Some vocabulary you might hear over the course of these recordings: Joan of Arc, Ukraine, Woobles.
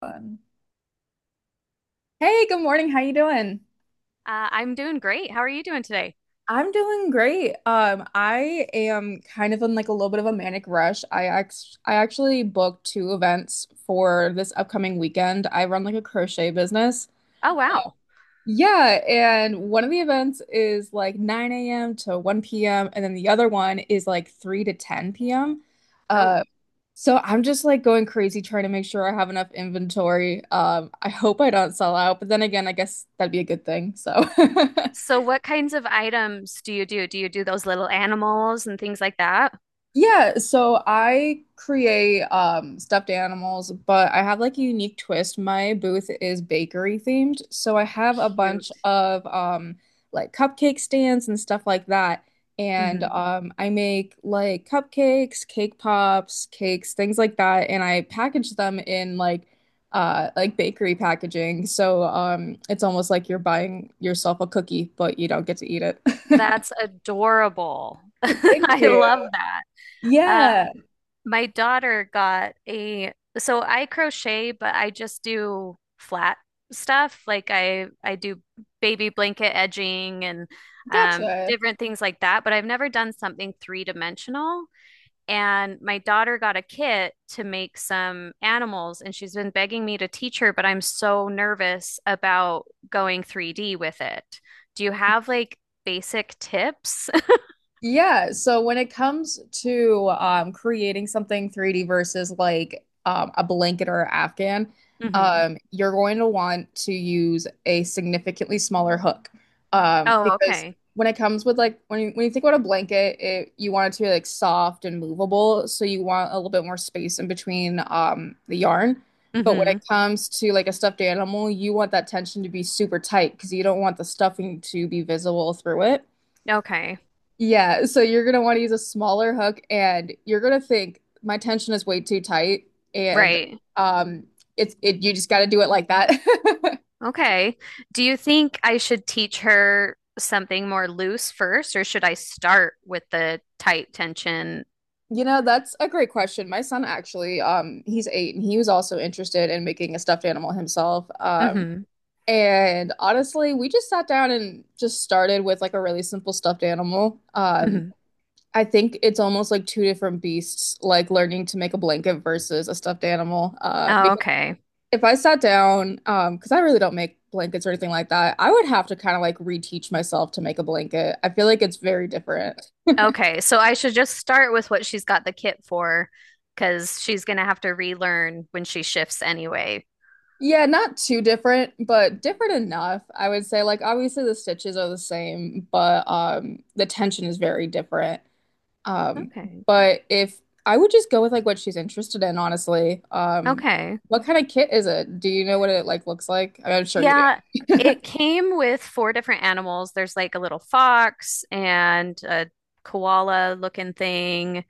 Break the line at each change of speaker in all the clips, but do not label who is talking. Fun. Hey, good morning. How you doing?
I'm doing great. How are you doing today?
I'm doing great. I am kind of in like a little bit of a manic rush. I actually booked two events for this upcoming weekend. I run like a crochet business.
Oh, wow.
Yeah, and one of the events is like 9 a.m. to 1 p.m. and then the other one is like 3 to 10 p.m.
Oh,
Uh, so I'm just like going crazy trying to make sure I have enough inventory. I hope I don't sell out, but then again, I guess that'd be a good thing. So
so what kinds of items do you do? Do you do those little animals and things like that?
Yeah, so I create stuffed animals, but I have like a unique twist. My booth is bakery themed, so I have a bunch
Cute.
of like cupcake stands and stuff like that. And
Hmm.
I make like cupcakes, cake pops, cakes, things like that, and I package them in like bakery packaging. So it's almost like you're buying yourself a cookie, but you don't get to eat it.
That's adorable.
Thank
I love
you.
that. Uh,
Yeah,
my daughter got a, so I crochet, but I just do flat stuff. Like I do baby blanket edging and
gotcha.
different things like that, but I've never done something three dimensional. And my daughter got a kit to make some animals, and she's been begging me to teach her, but I'm so nervous about going 3D with it. Do you have like basic tips?
Yeah, so when it comes to creating something 3D versus like a blanket or afghan,
Hmm.
you're going to want to use a significantly smaller hook
Oh,
because
okay.
when it comes with like when you think about a blanket, you want it to be like soft and movable, so you want a little bit more space in between the yarn. But when it
Hmm.
comes to like a stuffed animal, you want that tension to be super tight because you don't want the stuffing to be visible through it.
Okay.
Yeah, so you're gonna want to use a smaller hook and you're gonna think my tension is way too tight and
Right.
um it's it you just gotta do it like that.
Okay. Do you think I should teach her something more loose first, or should I start with the tight tension?
You know, that's a great question. My son actually, he's eight and he was also interested in making a stuffed animal himself.
Hmm,
And honestly, we just sat down and just started with like a really simple stuffed animal.
hmm.
I think it's almost like two different beasts, like learning to make a blanket versus a stuffed animal.
Oh,
Because
okay.
if I sat down, because I really don't make blankets or anything like that, I would have to kind of like reteach myself to make a blanket. I feel like it's very different.
Okay, so I should just start with what she's got the kit for, because she's gonna have to relearn when she shifts anyway.
Yeah, not too different, but different enough. I would say like obviously the stitches are the same, but the tension is very different. Um,
Okay.
but if I would just go with like what she's interested in, honestly.
Okay.
What kind of kit is it? Do you know what it like looks like? I mean, I'm sure you
Yeah,
do.
it came with four different animals. There's like a little fox and a koala looking thing.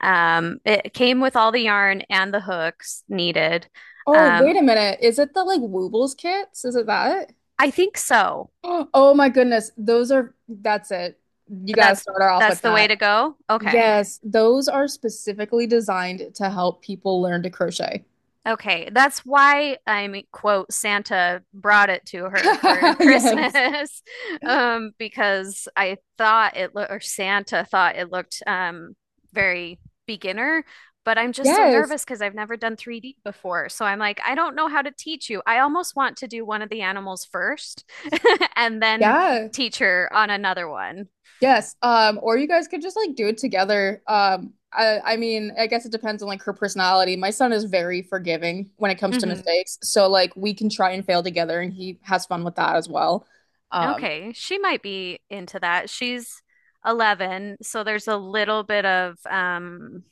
It came with all the yarn and the hooks needed.
Oh,
Um,
wait a minute. Is it the like Woobles kits? Is it that?
I think so.
Oh my goodness. That's it. You got to
That's
start her off
that's
with
the way
that.
to go. Okay.
Yes, those are specifically designed to help people learn to crochet.
Okay, that's why I'm quote Santa brought it to her for
Yes.
Christmas, because I thought it looked, or Santa thought it looked, very beginner, but I'm just so
Yes.
nervous because I've never done 3D before. So I'm like, I don't know how to teach you. I almost want to do one of the animals first and then
Yeah.
teach her on another one.
Yes. Or you guys could just like do it together. I mean, I guess it depends on like her personality. My son is very forgiving when it comes to
Hmm.
mistakes. So like we can try and fail together and he has fun with that as well. Um,
Okay, she might be into that. She's 11, so there's a little bit of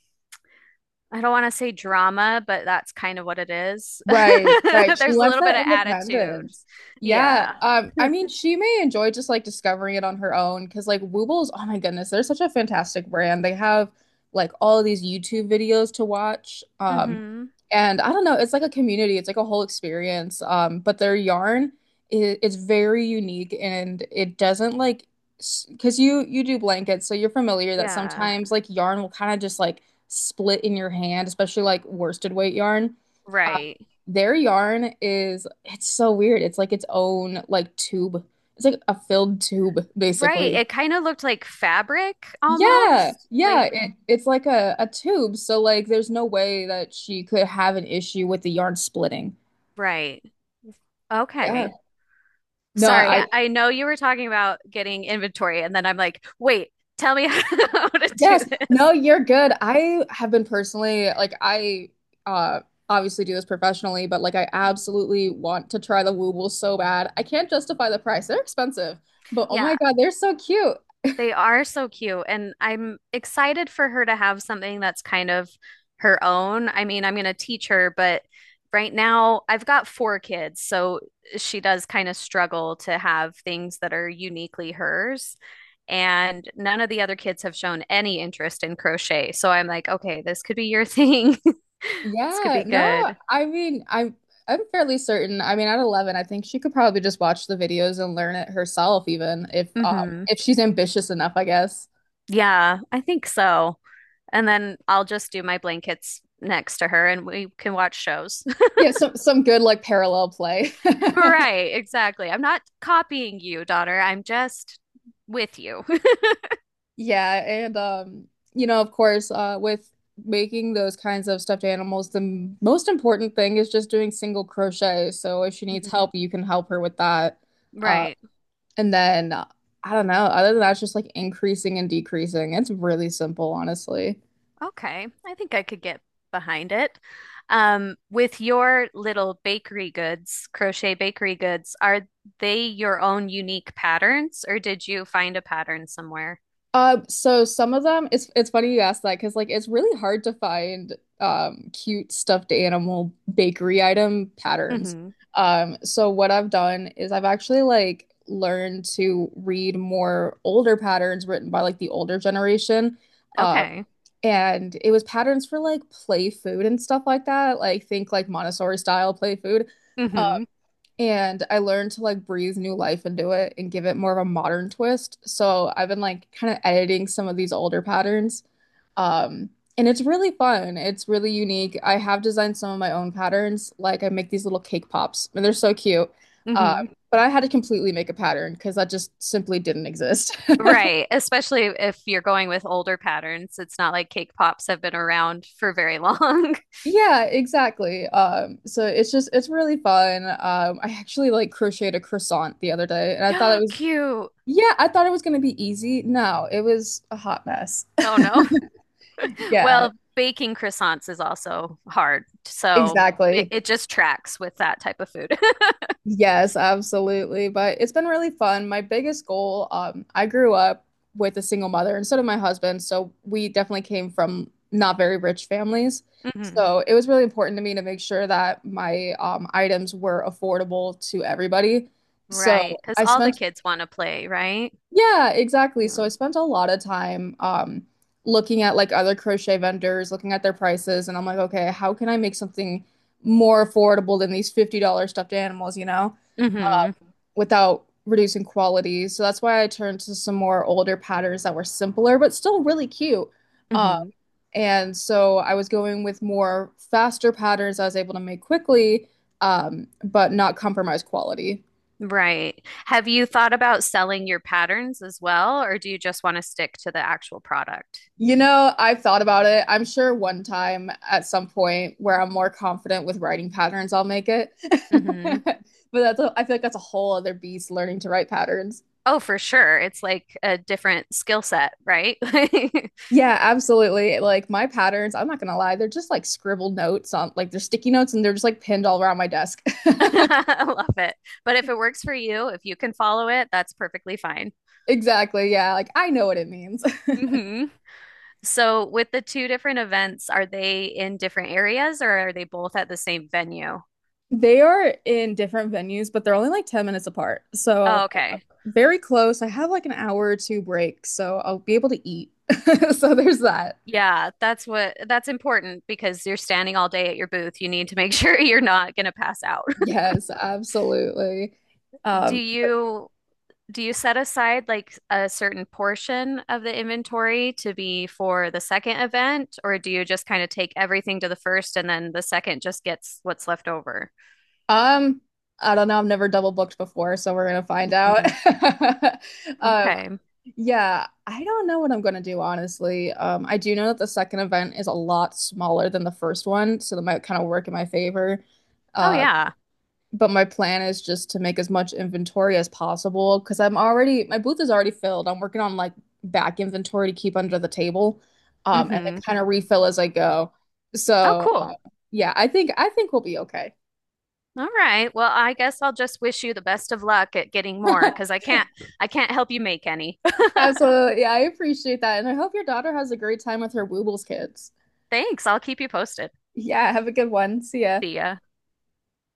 I don't want to say drama, but that's kind of what it is.
Right, right. She
There's a
wants
little bit
that
of attitude.
independence. Yeah.
Yeah.
I mean, she may enjoy just like discovering it on her own because like Woobles, oh my goodness, they're such a fantastic brand. They have like all of these YouTube videos to watch.
Hmm.
And I don't know, it's like a community, it's like a whole experience. But their yarn is it's very unique and it doesn't like because you do blankets, so you're familiar that
Yeah.
sometimes like yarn will kind of just like split in your hand, especially like worsted weight yarn.
Right.
Their yarn is it's so weird. It's like its own like tube. It's like a filled tube,
Right.
basically.
It kind of looked like fabric
Yeah,
almost.
yeah,
Like,
it, it's like a tube. So like there's no way that she could have an issue with the yarn splitting.
right.
Yeah.
Okay.
No,
Sorry.
I
I know you were talking about getting inventory, and then I'm like, wait, tell me how to do
yes.
this.
No, you're good. I have been personally like I uh obviously do this professionally, but like I
Mhm.
absolutely want to try the woobles so bad. I can't justify the price. They're expensive, but oh
Yeah.
my God, they're so cute.
They are so cute, and I'm excited for her to have something that's kind of her own. I mean, I'm going to teach her, but right now I've got four kids, so she does kind of struggle to have things that are uniquely hers. And none of the other kids have shown any interest in crochet. So I'm like, okay, this could be your thing. This could
Yeah,
be
no,
good.
I mean, I'm fairly certain. I mean, at 11, I think she could probably just watch the videos and learn it herself, even
Hmm.
if she's ambitious enough, I guess.
Yeah, I think so. And then I'll just do my blankets next to her and we can watch shows.
Yeah, some good like parallel play.
Right, exactly. I'm not copying you, daughter. I'm just with you.
Yeah, and you know, of course, with making those kinds of stuffed animals, most important thing is just doing single crochet. So if she needs
Mhm.
help, you can help her with that. Uh,
Right.
and then I don't know, other than that, it's just like increasing and decreasing. It's really simple, honestly.
Okay. I think I could get behind it. With your little bakery goods, crochet bakery goods, are they your own unique patterns, or did you find a pattern somewhere?
So some of them, it's funny you asked that because like it's really hard to find cute stuffed animal bakery item patterns.
Mhm.
So what I've done is I've actually like learned to read more older patterns written by like the older generation. Uh.
Okay.
And it was patterns for like play food and stuff like that. Like think like Montessori style play food.
Hmm,
And I learned to like breathe new life into it and give it more of a modern twist. So I've been like kind of editing some of these older patterns. Um, and it's really fun. It's really unique. I have designed some of my own patterns. Like I make these little cake pops and they're so cute. Um,
hmm.
but I had to completely make a pattern because that just simply didn't exist.
Right. Especially if you're going with older patterns. It's not like cake pops have been around for very long.
Yeah, exactly. So it's really fun. I actually like crocheted a croissant the other day and I thought it was
Cute.
Yeah, I thought it was going to be easy. No, it was a hot mess.
Oh no.
Yeah,
Well, baking croissants is also hard. So it,
exactly.
it just tracks with that type of food.
Yes, absolutely. But it's been really fun. My biggest goal, I grew up with a single mother and so did my husband. So we definitely came from not very rich families.
Hmm.
So it was really important to me to make sure that my items were affordable to everybody. So
Right. Because
I
all the
spent
kids want to play, right?
Yeah, exactly. So I
Yeah.
spent a lot of time looking at like other crochet vendors, looking at their prices, and I'm like, okay, how can I make something more affordable than these $50 stuffed animals, you know,
Hmm,
without reducing quality? So that's why I turned to some more older patterns that were simpler, but still really cute. Um,
hmm.
and so I was going with more faster patterns I was able to make quickly, but not compromise quality.
Right. Have you thought about selling your patterns as well, or do you just want to stick to the actual product?
You know, I've thought about it. I'm sure one time at some point where I'm more confident with writing patterns, I'll make it.
Hmm.
But I feel like that's a whole other beast learning to write patterns.
Oh, for sure. It's like a different skill set, right? I
Yeah, absolutely. Like my patterns, I'm not gonna lie, they're just like scribbled notes on like they're sticky notes and they're just like pinned all around my desk.
love it. But if it works for you, if you can follow it, that's perfectly fine.
Exactly. Yeah, like I know what it means.
Hmm. So, with the two different events, are they in different areas or are they both at the same venue?
They are in different venues, but they're only like 10 minutes apart. So
Oh, okay.
very close. I have like an hour or two break, so I'll be able to eat. So there's that.
Yeah, that's important because you're standing all day at your booth. You need to make sure you're not going to pass out.
Yes, absolutely.
Do
But
you do you set aside like a certain portion of the inventory to be for the second event, or do you just kind of take everything to the first and then the second just gets what's left over?
um, I don't know. I've never double booked before, so we're gonna find out.
Mm,
Um,
okay.
yeah, I don't know what I'm gonna do, honestly. I do know that the second event is a lot smaller than the first one, so that might kind of work in my favor.
Oh
Uh,
yeah.
but my plan is just to make as much inventory as possible because I'm already my booth is already filled. I'm working on like back inventory to keep under the table, and then
Mm-hmm.
kind of refill as I go.
Oh,
So.
cool.
Yeah, I think we'll be okay.
All right. Well, I guess I'll just wish you the best of luck at getting more because I can't I can't help you make any.
Absolutely. Yeah, I appreciate that. And I hope your daughter has a great time with her Woobles kids.
Thanks. I'll keep you posted.
Yeah, have a good one. See ya.
See ya.